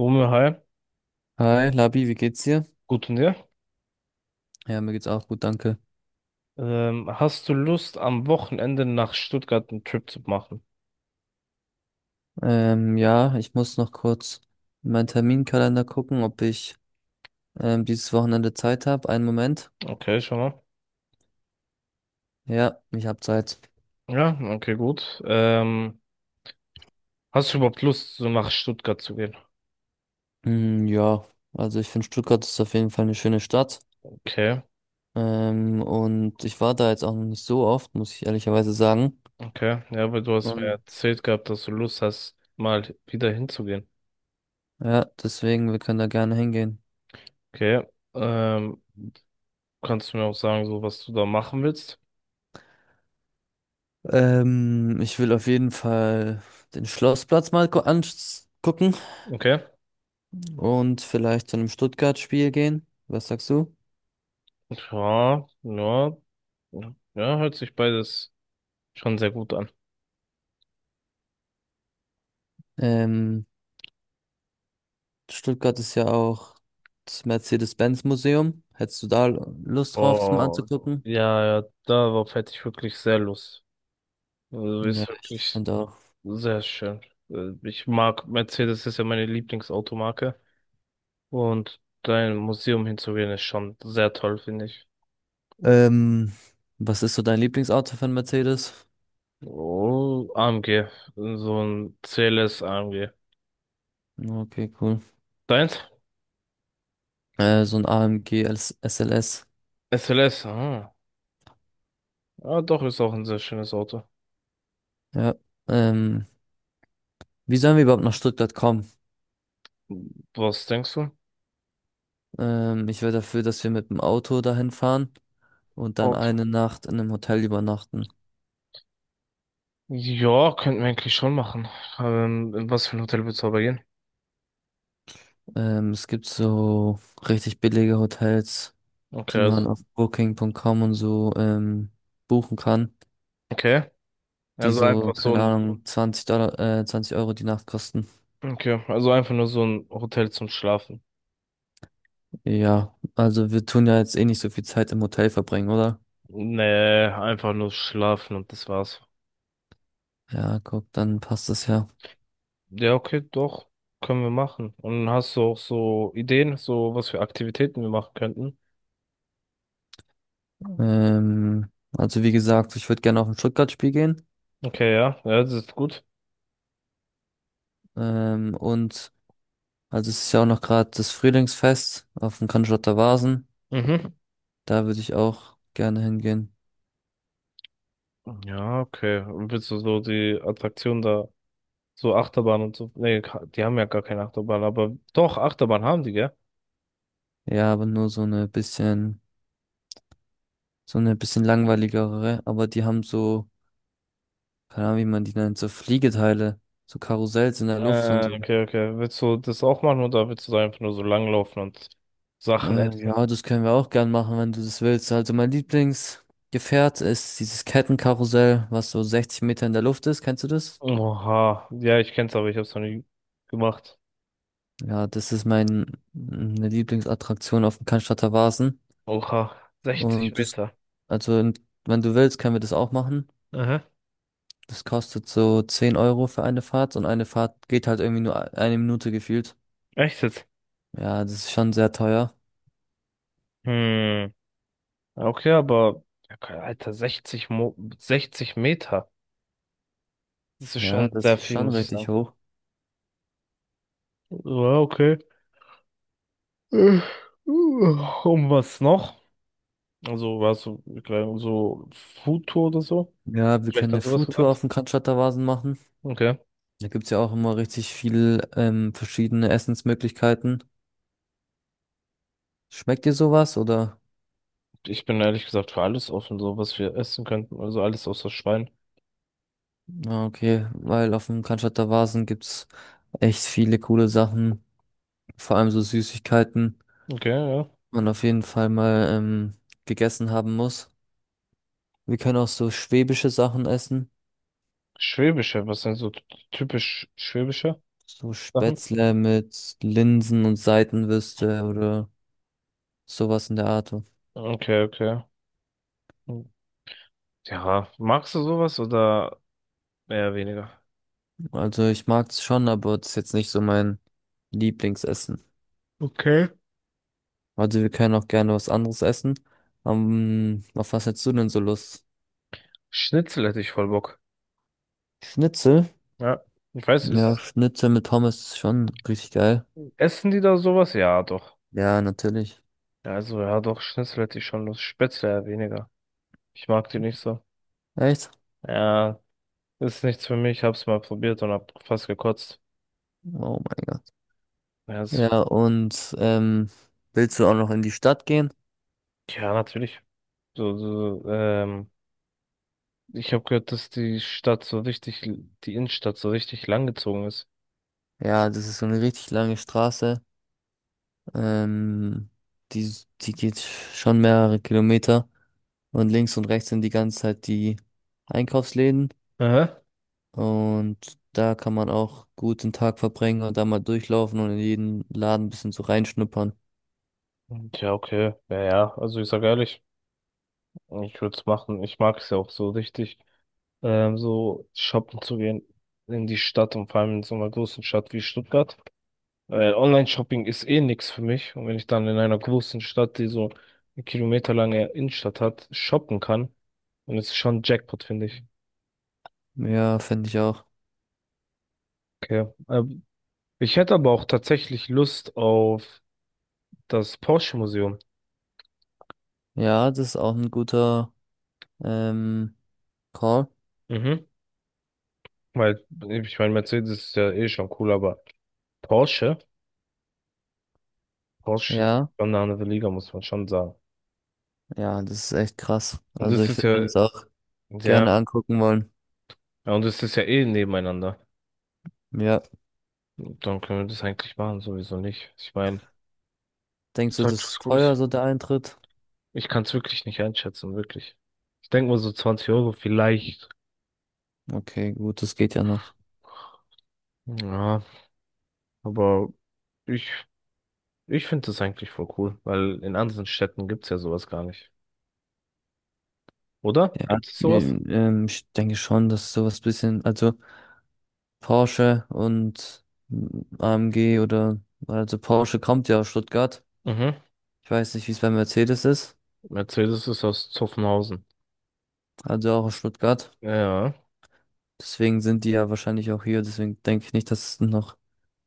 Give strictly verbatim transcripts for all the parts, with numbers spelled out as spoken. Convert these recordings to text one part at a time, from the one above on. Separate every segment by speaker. Speaker 1: Romeo, hi,
Speaker 2: Hi, Labi, wie geht's dir?
Speaker 1: gut und dir?
Speaker 2: Ja, mir geht's auch gut, danke.
Speaker 1: Ähm, hast du Lust, am Wochenende nach Stuttgart einen Trip zu machen?
Speaker 2: Ähm, ja, ich muss noch kurz in meinen Terminkalender gucken, ob ich ähm, dieses Wochenende Zeit habe. Einen Moment.
Speaker 1: Okay, schau mal.
Speaker 2: Ja, ich habe Zeit.
Speaker 1: Ja, okay, gut. Ähm, hast du überhaupt Lust, so nach Stuttgart zu gehen?
Speaker 2: Hm, ja, also ich finde, Stuttgart ist auf jeden Fall eine schöne Stadt.
Speaker 1: Okay,
Speaker 2: Ähm, und ich war da jetzt auch noch nicht so oft, muss ich ehrlicherweise sagen.
Speaker 1: okay. Ja, weil du hast mir
Speaker 2: Und
Speaker 1: erzählt gehabt, dass du Lust hast, mal wieder hinzugehen.
Speaker 2: ja, deswegen, wir können da gerne hingehen.
Speaker 1: Okay. Ähm, Kannst du mir auch sagen, so was du da machen willst?
Speaker 2: Ähm, ich will auf jeden Fall den Schlossplatz mal angucken
Speaker 1: Okay.
Speaker 2: und vielleicht zu einem Stuttgart-Spiel gehen. Was sagst du?
Speaker 1: Ja, ja. Ja, hört sich beides schon sehr gut an.
Speaker 2: Ähm, Stuttgart ist ja auch das Mercedes-Benz-Museum. Hättest du da Lust drauf, das mal
Speaker 1: Oh,
Speaker 2: anzugucken?
Speaker 1: ja, ja, darauf hätte ich wirklich sehr Lust. Also ist
Speaker 2: Ja, ich
Speaker 1: wirklich
Speaker 2: finde auch.
Speaker 1: sehr schön. Äh, Ich mag Mercedes, ist ja meine Lieblingsautomarke. Und da in ein Museum hinzugehen, ist schon sehr toll, finde ich.
Speaker 2: Ähm, was ist so dein Lieblingsauto von Mercedes?
Speaker 1: Oh, AMG. So ein CLS AMG.
Speaker 2: Okay, cool.
Speaker 1: Deins?
Speaker 2: Äh, so ein A M G als S L S.
Speaker 1: SLS, ah. Ja, doch, ist auch ein sehr schönes Auto.
Speaker 2: Ja. Ähm, wie sollen wir überhaupt nach Stuttgart kommen?
Speaker 1: Was denkst du?
Speaker 2: Ähm, ich wäre dafür, dass wir mit dem Auto dahin fahren und dann
Speaker 1: Auto.
Speaker 2: eine Nacht in einem Hotel übernachten.
Speaker 1: Ja, könnten wir eigentlich schon machen. Ähm, in was für ein Hotel willst du aber gehen?
Speaker 2: Ähm, es gibt so richtig billige Hotels,
Speaker 1: Okay,
Speaker 2: die
Speaker 1: also,
Speaker 2: man auf booking dot com und so ähm, buchen kann,
Speaker 1: okay.
Speaker 2: die
Speaker 1: Also
Speaker 2: so,
Speaker 1: einfach so
Speaker 2: keine
Speaker 1: ein,
Speaker 2: Ahnung, zwanzig Dollar, äh, zwanzig Euro die Nacht kosten.
Speaker 1: okay, also einfach nur so ein Hotel zum Schlafen.
Speaker 2: Ja, also wir tun ja jetzt eh nicht so viel Zeit im Hotel verbringen, oder?
Speaker 1: Nee, einfach nur schlafen und das war's.
Speaker 2: Ja, guck, dann passt das ja.
Speaker 1: Ja, okay, doch. Können wir machen. Und hast du auch so Ideen, so was für Aktivitäten wir machen könnten?
Speaker 2: Ähm, also wie gesagt, ich würde gerne auf ein Stuttgart-Spiel gehen.
Speaker 1: Okay, ja, ja, das ist gut.
Speaker 2: Ähm, und also es ist ja auch noch gerade das Frühlingsfest auf dem Cannstatter Vasen.
Speaker 1: Mhm.
Speaker 2: Da würde ich auch gerne hingehen.
Speaker 1: Ja, okay. Und willst du so die Attraktion da, so Achterbahn und so? Nee, ka- die haben ja gar keine Achterbahn, aber doch, Achterbahn haben die, gell?
Speaker 2: Ja, aber nur so eine bisschen. So eine bisschen langweiligere, aber die haben so, keine Ahnung, wie man die nennt, so Fliegeteile, so Karussells in der Luft und
Speaker 1: Äh,
Speaker 2: so.
Speaker 1: okay, okay. Willst du das auch machen oder willst du da einfach nur so langlaufen und Sachen
Speaker 2: Äh,
Speaker 1: essen?
Speaker 2: ja, das können wir auch gern machen, wenn du das willst. Also mein Lieblingsgefährt ist dieses Kettenkarussell, was so sechzig Meter in der Luft ist. Kennst du das?
Speaker 1: Oha. Ja, ich kenn's, aber ich hab's noch nie gemacht.
Speaker 2: Ja, das ist mein, meine Lieblingsattraktion auf dem Cannstatter Wasen.
Speaker 1: Oha. sechzig
Speaker 2: Und das,
Speaker 1: Meter.
Speaker 2: also in- wenn du willst, können wir das auch machen.
Speaker 1: Aha.
Speaker 2: Das kostet so zehn Euro für eine Fahrt und eine Fahrt geht halt irgendwie nur e-, eine Minute gefühlt.
Speaker 1: Echt jetzt?
Speaker 2: Ja, das ist schon sehr teuer.
Speaker 1: Hm. Okay, aber ja, keine- Alter, sechzig Mo sechzig Meter. Das ist
Speaker 2: Ja,
Speaker 1: schon
Speaker 2: das
Speaker 1: sehr
Speaker 2: ist
Speaker 1: viel,
Speaker 2: schon
Speaker 1: muss ich
Speaker 2: richtig
Speaker 1: sagen.
Speaker 2: hoch.
Speaker 1: Ja, okay. Äh, uh, Und was noch? Also, warst du gleich so Foodtour oder so?
Speaker 2: Ja, wir
Speaker 1: Vielleicht
Speaker 2: können eine
Speaker 1: an sowas
Speaker 2: Foodtour auf
Speaker 1: gedacht?
Speaker 2: dem Cannstatter-Wasen machen.
Speaker 1: Okay.
Speaker 2: Da gibt's ja auch immer richtig viel ähm, verschiedene Essensmöglichkeiten. Schmeckt dir sowas oder?
Speaker 1: Ich bin ehrlich gesagt für alles offen, so was wir essen könnten. Also alles außer Schwein.
Speaker 2: Ah, okay, weil auf dem Cannstatter-Wasen gibt's echt viele coole Sachen, vor allem so Süßigkeiten,
Speaker 1: Okay, ja.
Speaker 2: die man auf jeden Fall mal ähm, gegessen haben muss. Wir können auch so schwäbische Sachen essen,
Speaker 1: Schwäbische, was sind so t- typisch schwäbische
Speaker 2: so
Speaker 1: Sachen?
Speaker 2: Spätzle mit Linsen und Seitenwürste oder sowas in der Art.
Speaker 1: Okay, okay. Hm, ja, magst du sowas oder mehr oder weniger.
Speaker 2: Also ich mag es schon, aber es ist jetzt nicht so mein Lieblingsessen.
Speaker 1: Okay.
Speaker 2: Also wir können auch gerne was anderes essen. Ähm, auf was hättest du denn so Lust?
Speaker 1: Schnitzel hätte ich voll Bock.
Speaker 2: Schnitzel?
Speaker 1: Ja. Ich weiß,
Speaker 2: Ja,
Speaker 1: ist,
Speaker 2: Schnitzel mit Pommes ist schon richtig geil.
Speaker 1: essen die da sowas? Ja, doch.
Speaker 2: Ja, natürlich.
Speaker 1: Ja, also, ja, doch, Schnitzel hätte ich schon Lust. Spätzle eher weniger. Ich mag die nicht so.
Speaker 2: Echt?
Speaker 1: Ja, ist nichts für mich. Hab's mal probiert und hab fast gekotzt.
Speaker 2: Oh mein Gott.
Speaker 1: Ja, ist,
Speaker 2: Ja, und ähm, Willst du auch noch in die Stadt gehen?
Speaker 1: ja, natürlich. So, so, ähm, ich habe gehört, dass die Stadt so richtig, die Innenstadt so richtig langgezogen ist.
Speaker 2: Ja, das ist so eine richtig lange Straße. Ähm, die, Die geht schon mehrere Kilometer. Und links und rechts sind die ganze Zeit die Einkaufsläden.
Speaker 1: Aha.
Speaker 2: Und da kann man auch gut den Tag verbringen und da mal durchlaufen und in jeden Laden ein bisschen so reinschnuppern.
Speaker 1: Ja, okay. Ja, ja. Also, ich sag ehrlich, ich würde es machen. Ich mag es ja auch so richtig. Ähm, so shoppen zu gehen in die Stadt und vor allem in so einer großen Stadt wie Stuttgart. Weil Online-Shopping ist eh nix für mich. Und wenn ich dann in einer großen Stadt, die so eine kilometerlange Innenstadt hat, shoppen kann, dann ist es schon Jackpot, finde ich.
Speaker 2: Ja, finde ich auch.
Speaker 1: Okay. Ähm, ich hätte aber auch tatsächlich Lust auf das Porsche-Museum.
Speaker 2: Ja, das ist auch ein guter ähm, Call.
Speaker 1: Mhm. Weil, ich meine, Mercedes ist ja eh schon cool, aber Porsche, Porsche ist
Speaker 2: Ja,
Speaker 1: schon eine andere Liga, muss man schon sagen.
Speaker 2: ja, das ist echt krass.
Speaker 1: Und
Speaker 2: Also
Speaker 1: das
Speaker 2: ich
Speaker 1: ist
Speaker 2: würde mir
Speaker 1: ja,
Speaker 2: das auch gerne
Speaker 1: ja,
Speaker 2: angucken wollen.
Speaker 1: ja, und es ist ja eh nebeneinander.
Speaker 2: Ja.
Speaker 1: Dann können wir das eigentlich machen, sowieso nicht. Ich meine, das
Speaker 2: Denkst
Speaker 1: ist
Speaker 2: du, das
Speaker 1: halt was
Speaker 2: ist teuer,
Speaker 1: Gutes.
Speaker 2: so der Eintritt?
Speaker 1: Ich kann es wirklich nicht einschätzen, wirklich. Ich denke mal so zwanzig Euro vielleicht.
Speaker 2: Okay, gut, das geht ja noch.
Speaker 1: Ja, aber ich, ich finde das eigentlich voll cool, weil in anderen Städten gibt's ja sowas gar nicht. Oder?
Speaker 2: Ja,
Speaker 1: Gibt es sowas?
Speaker 2: ähm, ähm, ich denke schon, dass sowas bisschen, also Porsche und mm, A M G oder, also Porsche kommt ja aus Stuttgart.
Speaker 1: Mhm.
Speaker 2: Ich weiß nicht, wie es bei Mercedes ist,
Speaker 1: Mercedes ist aus Zuffenhausen.
Speaker 2: also auch aus Stuttgart.
Speaker 1: Ja, ja,
Speaker 2: Deswegen sind die ja wahrscheinlich auch hier. Deswegen denke ich nicht, dass es noch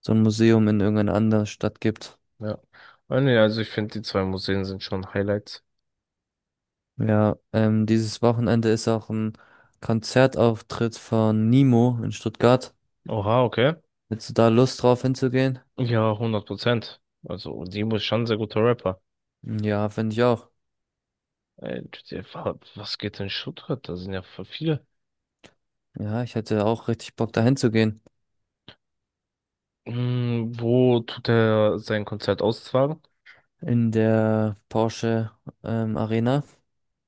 Speaker 2: so ein Museum in irgendeiner anderen Stadt gibt.
Speaker 1: ja. Ah, nee, also ich finde, die zwei Museen sind schon Highlights.
Speaker 2: Ja, ähm, dieses Wochenende ist auch ein Konzertauftritt von Nemo in Stuttgart.
Speaker 1: Oha, okay.
Speaker 2: Hättest du da Lust drauf hinzugehen?
Speaker 1: Ja, hundert Prozent. Also, Dimo ist schon ein sehr guter Rapper.
Speaker 2: Ja, finde ich auch.
Speaker 1: Äh, der war- Was geht in Stuttgart? Da sind ja voll viele.
Speaker 2: Ja, ich hätte auch richtig Bock da hinzugehen.
Speaker 1: Hm, wo tut er sein Konzert austragen?
Speaker 2: In der Porsche ähm, Arena.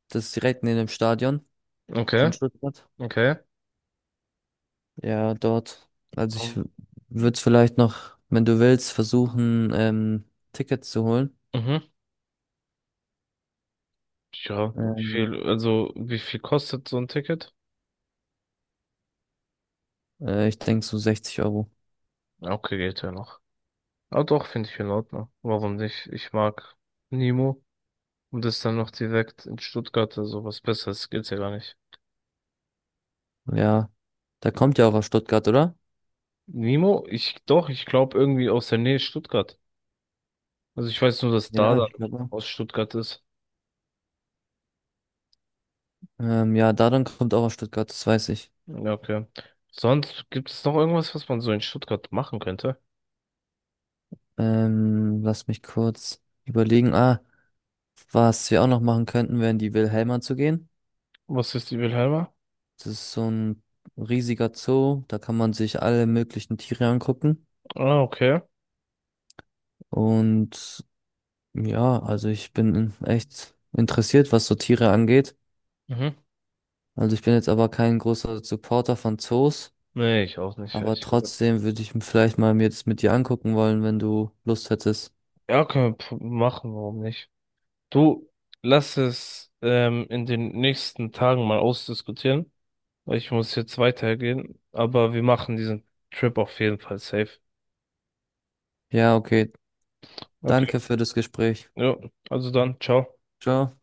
Speaker 2: Das ist direkt neben dem Stadion von
Speaker 1: Okay,
Speaker 2: Stuttgart.
Speaker 1: okay.
Speaker 2: Ja, dort. Also ich
Speaker 1: Um,
Speaker 2: würde es vielleicht noch, wenn du willst, versuchen, ähm, Tickets zu holen.
Speaker 1: mhm. Ja, wie
Speaker 2: Ähm,
Speaker 1: viel, also wie viel kostet so ein Ticket?
Speaker 2: äh, ich denke so sechzig Euro.
Speaker 1: Ja, okay, geht ja noch. Ah doch, finde ich in Ordnung. Warum nicht? Ich mag Nemo. Und das dann noch direkt in Stuttgart, also was Besseres geht's ja gar nicht.
Speaker 2: Ja. Da kommt ja auch aus Stuttgart, oder?
Speaker 1: Nemo? Ich, doch, ich glaube irgendwie aus der Nähe Stuttgart. Also ich weiß nur, dass da
Speaker 2: Ja,
Speaker 1: dann
Speaker 2: ich glaube auch.
Speaker 1: aus Stuttgart ist.
Speaker 2: Ähm, ja, Dadan kommt auch aus Stuttgart, das weiß ich.
Speaker 1: Ja, okay. Sonst gibt es noch irgendwas, was man so in Stuttgart machen könnte?
Speaker 2: Ähm, lass mich kurz überlegen. Ah, was wir auch noch machen könnten, wären die Wilhelma zu gehen.
Speaker 1: Was ist die Wilhelma?
Speaker 2: Das ist so ein riesiger Zoo, da kann man sich alle möglichen Tiere angucken.
Speaker 1: Ah, okay.
Speaker 2: Und ja, also ich bin echt interessiert, was so Tiere angeht.
Speaker 1: Mhm.
Speaker 2: Also ich bin jetzt aber kein großer Supporter von Zoos,
Speaker 1: Nee, ich auch nicht,
Speaker 2: aber
Speaker 1: ehrlich gesagt.
Speaker 2: trotzdem würde ich vielleicht mal mir das mit dir angucken wollen, wenn du Lust hättest.
Speaker 1: Ja, können wir p- machen, warum nicht? Du, lass es ähm, in den nächsten Tagen mal ausdiskutieren. Weil ich muss jetzt weitergehen, aber wir machen diesen Trip auf jeden Fall safe.
Speaker 2: Ja, okay.
Speaker 1: Okay.
Speaker 2: Danke für das Gespräch.
Speaker 1: Ja, also dann, ciao.
Speaker 2: Ciao.